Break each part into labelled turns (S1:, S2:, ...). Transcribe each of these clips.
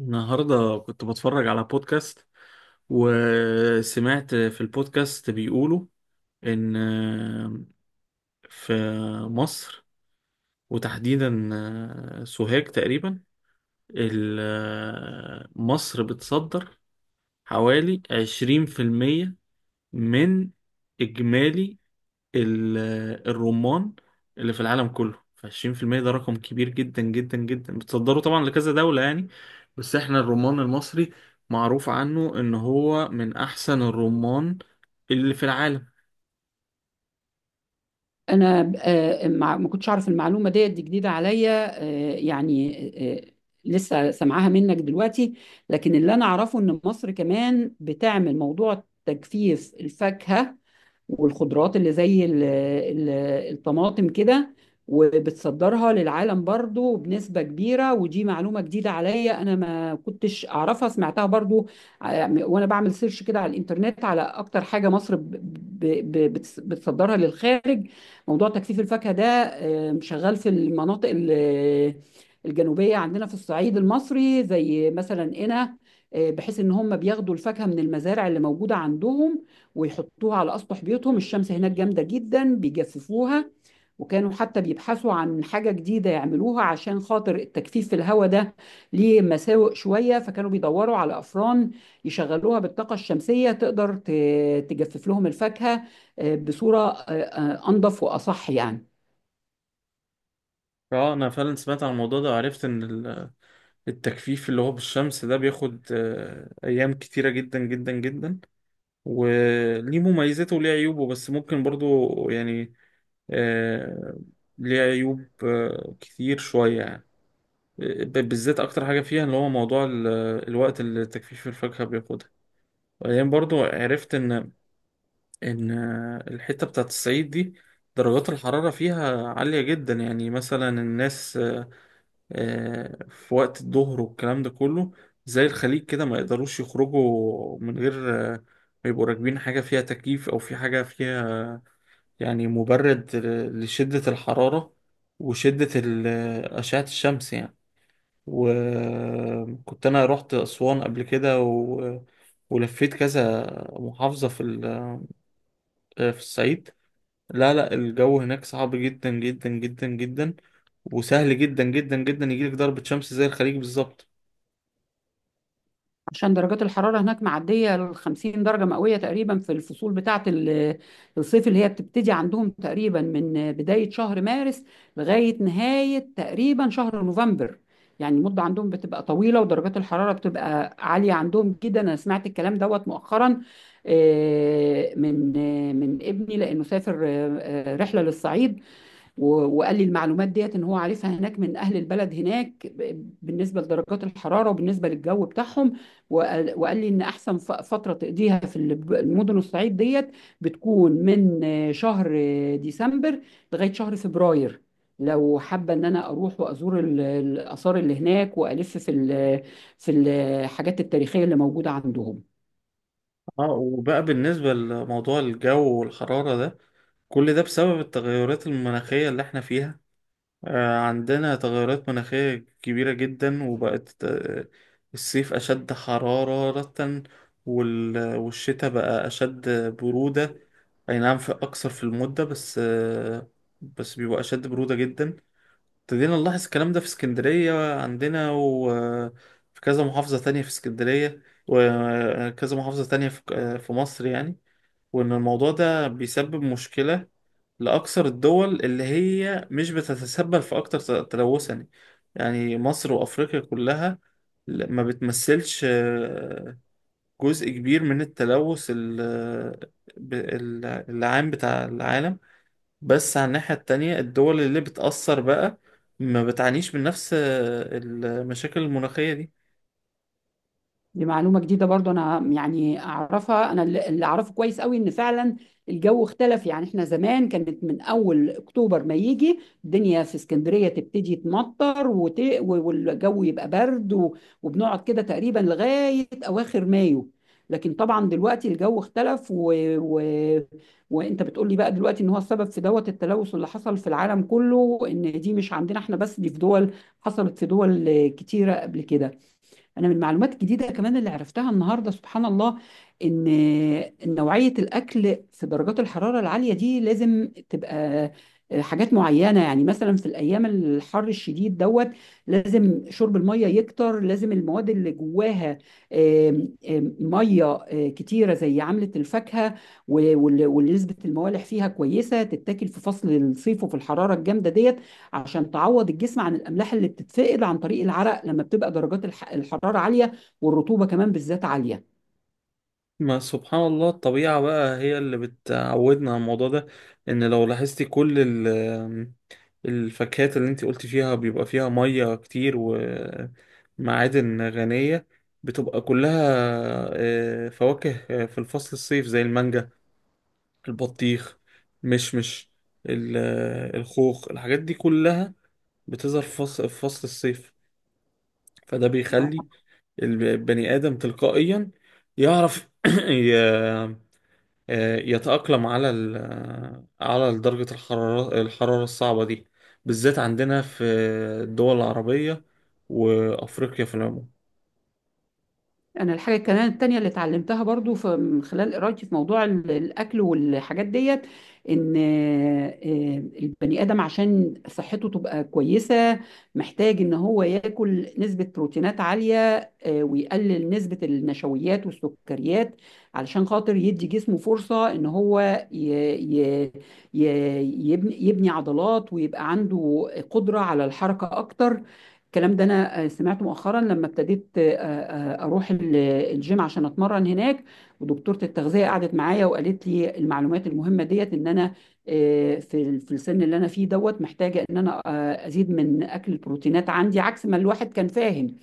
S1: النهاردة كنت بتفرج على بودكاست، وسمعت في البودكاست بيقولوا إن في مصر، وتحديدا سوهاج تقريبا، مصر بتصدر حوالي 20% من إجمالي ال- الرمان اللي في العالم كله. ف20% ده رقم كبير جدا جدا جدا، بتصدره طبعا لكذا دولة، يعني. بس احنا الرمان المصري معروف عنه ان هو من احسن الرمان اللي في العالم.
S2: انا ما كنتش اعرف المعلومه ديت، دي جديده عليا، يعني، لسه سامعاها منك دلوقتي. لكن اللي انا اعرفه ان مصر كمان بتعمل موضوع تجفيف الفاكهه والخضروات اللي زي الطماطم كده، وبتصدرها للعالم برضو بنسبة كبيرة. ودي معلومة جديدة عليا، أنا ما كنتش أعرفها، سمعتها برضو وأنا بعمل سيرش كده على الإنترنت على أكتر حاجة مصر بتصدرها للخارج. موضوع تجفيف الفاكهة ده شغال في المناطق الجنوبية عندنا في الصعيد المصري زي مثلا قنا. بحيث ان هم بياخدوا الفاكهة من المزارع اللي موجودة عندهم ويحطوها على اسطح بيوتهم، الشمس هناك جامدة جدا بيجففوها. وكانوا حتى بيبحثوا عن حاجة جديدة يعملوها عشان خاطر التجفيف في الهواء ده ليه مساوئ شوية، فكانوا بيدوروا على أفران يشغلوها بالطاقة الشمسية تقدر تجفف لهم الفاكهة بصورة أنظف وأصح يعني.
S1: اه، انا فعلا سمعت عن الموضوع ده، وعرفت ان التجفيف اللي هو بالشمس ده بياخد ايام كتيرة جدا جدا جدا، وليه مميزاته وليه عيوبه، بس ممكن برضو، يعني، آه، ليه عيوب كتير شوية، يعني. بالذات اكتر حاجه فيها اللي هو موضوع الوقت اللي تجفيف الفاكهه بياخدها. وبعدين برضو عرفت ان الحته بتاعت الصعيد دي درجات الحراره فيها عاليه جدا. يعني مثلا الناس في وقت الظهر والكلام ده كله، زي الخليج كده، ما يقدروش يخرجوا من غير آه، ما يبقوا راكبين حاجه فيها تكييف، او في حاجه فيها، يعني، مبرد لشده الحراره، وشده اشعه الشمس، يعني. وكنت انا رحت اسوان قبل كده ولفيت كذا محافظة في ال... آه، في الصعيد. لا، لا، الجو هناك صعب جدا جدا جدا جدا، وسهل جدا جدا جدا يجيلك ضربة شمس زي الخليج بالظبط.
S2: عشان درجات الحرارة هناك معدية ال 50 درجة مئوية تقريبا في الفصول بتاعة الصيف، اللي هي بتبتدي عندهم تقريبا من بداية شهر مارس لغاية نهاية تقريبا شهر نوفمبر. يعني المدة عندهم بتبقى طويلة ودرجات الحرارة بتبقى عالية عندهم جدا. أنا سمعت الكلام دوت مؤخرا من ابني، لأنه سافر رحلة للصعيد و- وقال لي المعلومات ديت ان هو عارفها هناك من اهل البلد هناك بالنسبه لدرجات الحراره وبالنسبه للجو بتاعهم. وقال لي ان احسن فتره تقضيها في المدن الصعيد ديت بتكون من شهر ديسمبر لغايه شهر فبراير، لو حابه ان انا اروح وازور الاثار اللي هناك والف في الحاجات التاريخيه اللي موجوده عندهم.
S1: اه، وبقى بالنسبة لموضوع الجو والحرارة ده، كل ده بسبب التغيرات المناخية اللي احنا فيها. عندنا تغيرات مناخية كبيرة جدا، وبقت الصيف أشد حرارة، والشتاء بقى أشد برودة. أي نعم في أكثر في المدة، بس بس بيبقى أشد برودة جدا. ابتدينا نلاحظ الكلام ده في اسكندرية عندنا، وفي كذا محافظة تانية في اسكندرية، وكذا محافظة تانية في مصر، يعني. وإن الموضوع ده بيسبب مشكلة لأكثر الدول اللي هي مش بتتسبب في أكتر تلوثا. يعني مصر وأفريقيا كلها ما بتمثلش جزء كبير من التلوث العام بتاع العالم. بس على الناحية التانية، الدول اللي بتأثر بقى ما بتعانيش من نفس المشاكل المناخية دي.
S2: دي معلومة جديدة برضو، أنا يعني أعرفها. أنا اللي أعرفه كويس قوي إن فعلا الجو اختلف. يعني إحنا زمان كانت من أول أكتوبر ما يجي الدنيا في اسكندرية تبتدي تمطر والجو يبقى برد وبنقعد كده تقريبا لغاية أواخر مايو. لكن طبعا دلوقتي الجو اختلف، وانت بتقولي بقى دلوقتي ان هو السبب في دوت التلوث اللي حصل في العالم كله، ان دي مش عندنا احنا بس، دي في دول، حصلت في دول كتيرة قبل كده. انا من المعلومات الجديده كمان اللي عرفتها النهارده، سبحان الله، ان نوعيه الاكل في درجات الحراره العاليه دي لازم تبقى حاجات معينه. يعني مثلا في الايام الحر الشديد دوت لازم شرب الميه يكتر، لازم المواد اللي جواها آم، آم، ميه كتيره زي عامله الفاكهه، واللي نسبه الموالح فيها كويسه تتاكل في فصل الصيف وفي الحراره الجامده ديت، عشان تعوض الجسم عن الاملاح اللي بتتفقد عن طريق العرق لما بتبقى درجات الحراره عاليه، والرطوبه كمان بالذات عاليه.
S1: ما سبحان الله، الطبيعة بقى هي اللي بتعودنا على الموضوع ده. ان لو لاحظتي كل الفاكهات اللي انت قلت فيها بيبقى فيها مية كتير ومعادن غنية، بتبقى كلها فواكه في الفصل الصيف، زي المانجا، البطيخ، مشمش، الخوخ، الحاجات دي كلها بتظهر في فصل الصيف. فده بيخلي البني آدم تلقائيا يعرف ي- يتأقلم على ال آه، على درجة الحرارة الصعبة دي، بالذات عندنا في الدول العربية وأفريقيا في العموم.
S2: انا الحاجه كمان التانية اللي اتعلمتها برضو في من خلال قرايتي في موضوع الاكل والحاجات ديت، ان البني ادم عشان صحته تبقى كويسه محتاج ان هو ياكل نسبه بروتينات عاليه، ويقلل نسبه النشويات والسكريات، علشان خاطر يدي جسمه فرصه ان هو ي- ي- يبني عضلات ويبقى عنده قدره على الحركه اكتر. الكلام ده انا سمعته مؤخرا لما ابتديت اروح الجيم عشان اتمرن هناك. ودكتورة التغذية قعدت معايا وقالت لي المعلومات المهمة ديت ان انا، في في السن اللي انا فيه دوت، محتاجة ان انا ازيد من اكل البروتينات عندي، عكس ما الواحد كان فاهم،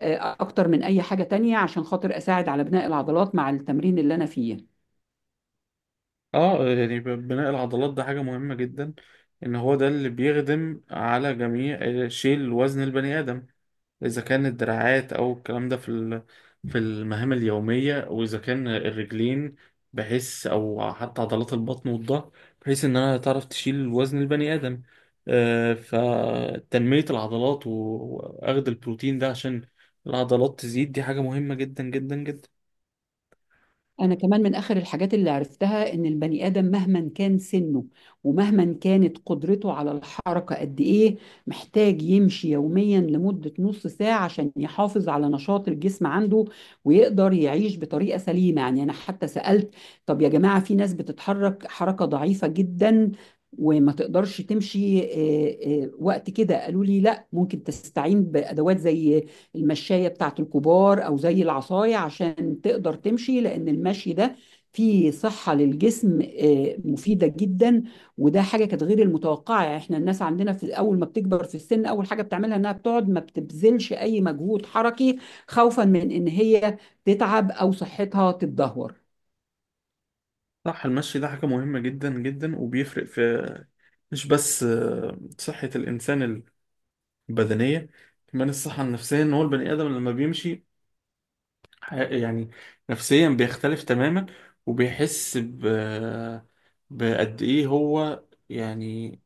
S2: اكتر من اي حاجة تانية، عشان خاطر اساعد على بناء العضلات مع التمرين اللي انا فيه.
S1: اه، يعني بناء العضلات ده حاجة مهمة جدا. ان هو ده اللي بيخدم على جميع شيل وزن البني آدم، إذا كان الدراعات أو الكلام ده في المهام اليومية، وإذا كان الرجلين، بحيث أو حتى عضلات البطن والظهر، بحيث إن أنا تعرف تشيل وزن البني آدم. فتنمية العضلات وأخد البروتين ده عشان العضلات تزيد، دي حاجة مهمة جدا جدا جدا.
S2: أنا كمان من آخر الحاجات اللي عرفتها إن البني آدم مهما كان سنه ومهما كانت قدرته على الحركة قد إيه، محتاج يمشي يوميا لمدة نص ساعة عشان يحافظ على نشاط الجسم عنده ويقدر يعيش بطريقة سليمة. يعني أنا حتى سألت، طب يا جماعة، في ناس بتتحرك حركة ضعيفة جدا وما تقدرش تمشي وقت كده، قالوا لي لا، ممكن تستعين بأدوات زي المشاية بتاعت الكبار أو زي العصاية عشان تقدر تمشي، لأن المشي ده فيه صحة للجسم مفيدة جدا. وده حاجة كانت غير المتوقعة، يعني احنا الناس عندنا، في أول ما بتكبر في السن أول حاجة بتعملها إنها بتقعد، ما بتبذلش أي مجهود حركي خوفا من إن هي تتعب أو صحتها تتدهور.
S1: صح، المشي ده حاجة مهمة جدا جدا، وبيفرق في مش بس صحة الإنسان البدنية، كمان الصحة النفسية. إن هو البني آدم لما بيمشي يعني نفسيا بيختلف تماما، وبيحس بقد ايه هو، يعني،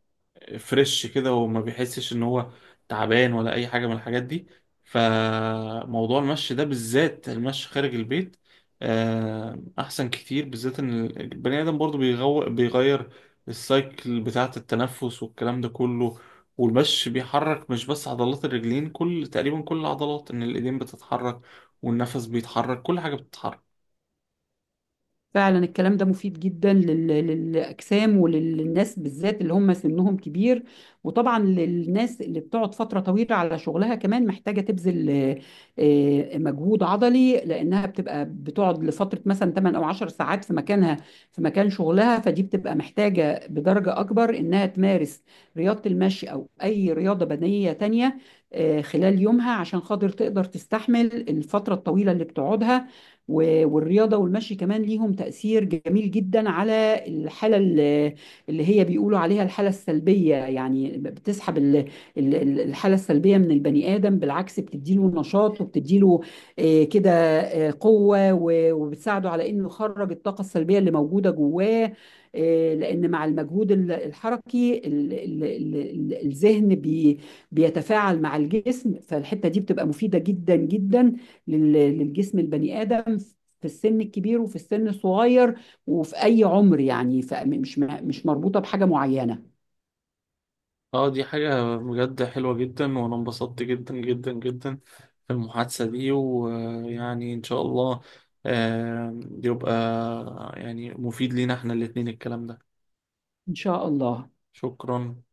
S1: فريش كده، وما بيحسش ان هو تعبان ولا اي حاجه من الحاجات دي. فموضوع المشي ده، بالذات المشي خارج البيت، احسن كتير، بالذات ان البني ادم برضو بيغير السايكل بتاعه التنفس والكلام ده كله. والمشي بيحرك مش بس عضلات الرجلين، كل تقريبا كل العضلات، ان الايدين بتتحرك، والنفس بيتحرك، كل حاجه بتتحرك.
S2: فعلا الكلام ده مفيد جدا للأجسام وللناس، بالذات اللي هم سنهم كبير. وطبعا للناس اللي بتقعد فترة طويلة على شغلها، كمان محتاجة تبذل مجهود عضلي، لأنها بتبقى بتقعد لفترة مثلا 8 أو 10 ساعات في مكانها، في مكان شغلها، فدي بتبقى محتاجة بدرجة أكبر إنها تمارس رياضة المشي أو أي رياضة بدنية تانية خلال يومها عشان خاطر تقدر تستحمل الفترة الطويلة اللي بتقعدها. و- والرياضة والمشي كمان ليهم تأثير جميل جدا على الحالة اللي هي بيقولوا عليها الحالة السلبية، يعني بتسحب الحالة السلبية من البني آدم، بالعكس بتديله نشاط وبتديله كده قوة، و- وبتساعده على إنه يخرج الطاقة السلبية اللي موجودة جواه، لأن مع المجهود الحركي الذهن بيتفاعل مع الجسم، فالحتة دي بتبقى مفيدة جدا جدا لل- للجسم البني آدم، في السن الكبير وفي السن الصغير وفي أي عمر يعني، فمش مش مربوطة بحاجة معينة.
S1: اه، دي حاجة بجد حلوة جدا، وانا انبسطت جدا جدا جدا في المحادثة دي. ويعني ان شاء الله يبقى، يعني، مفيد لينا احنا الاتنين الكلام ده.
S2: إن شاء الله.
S1: شكرا.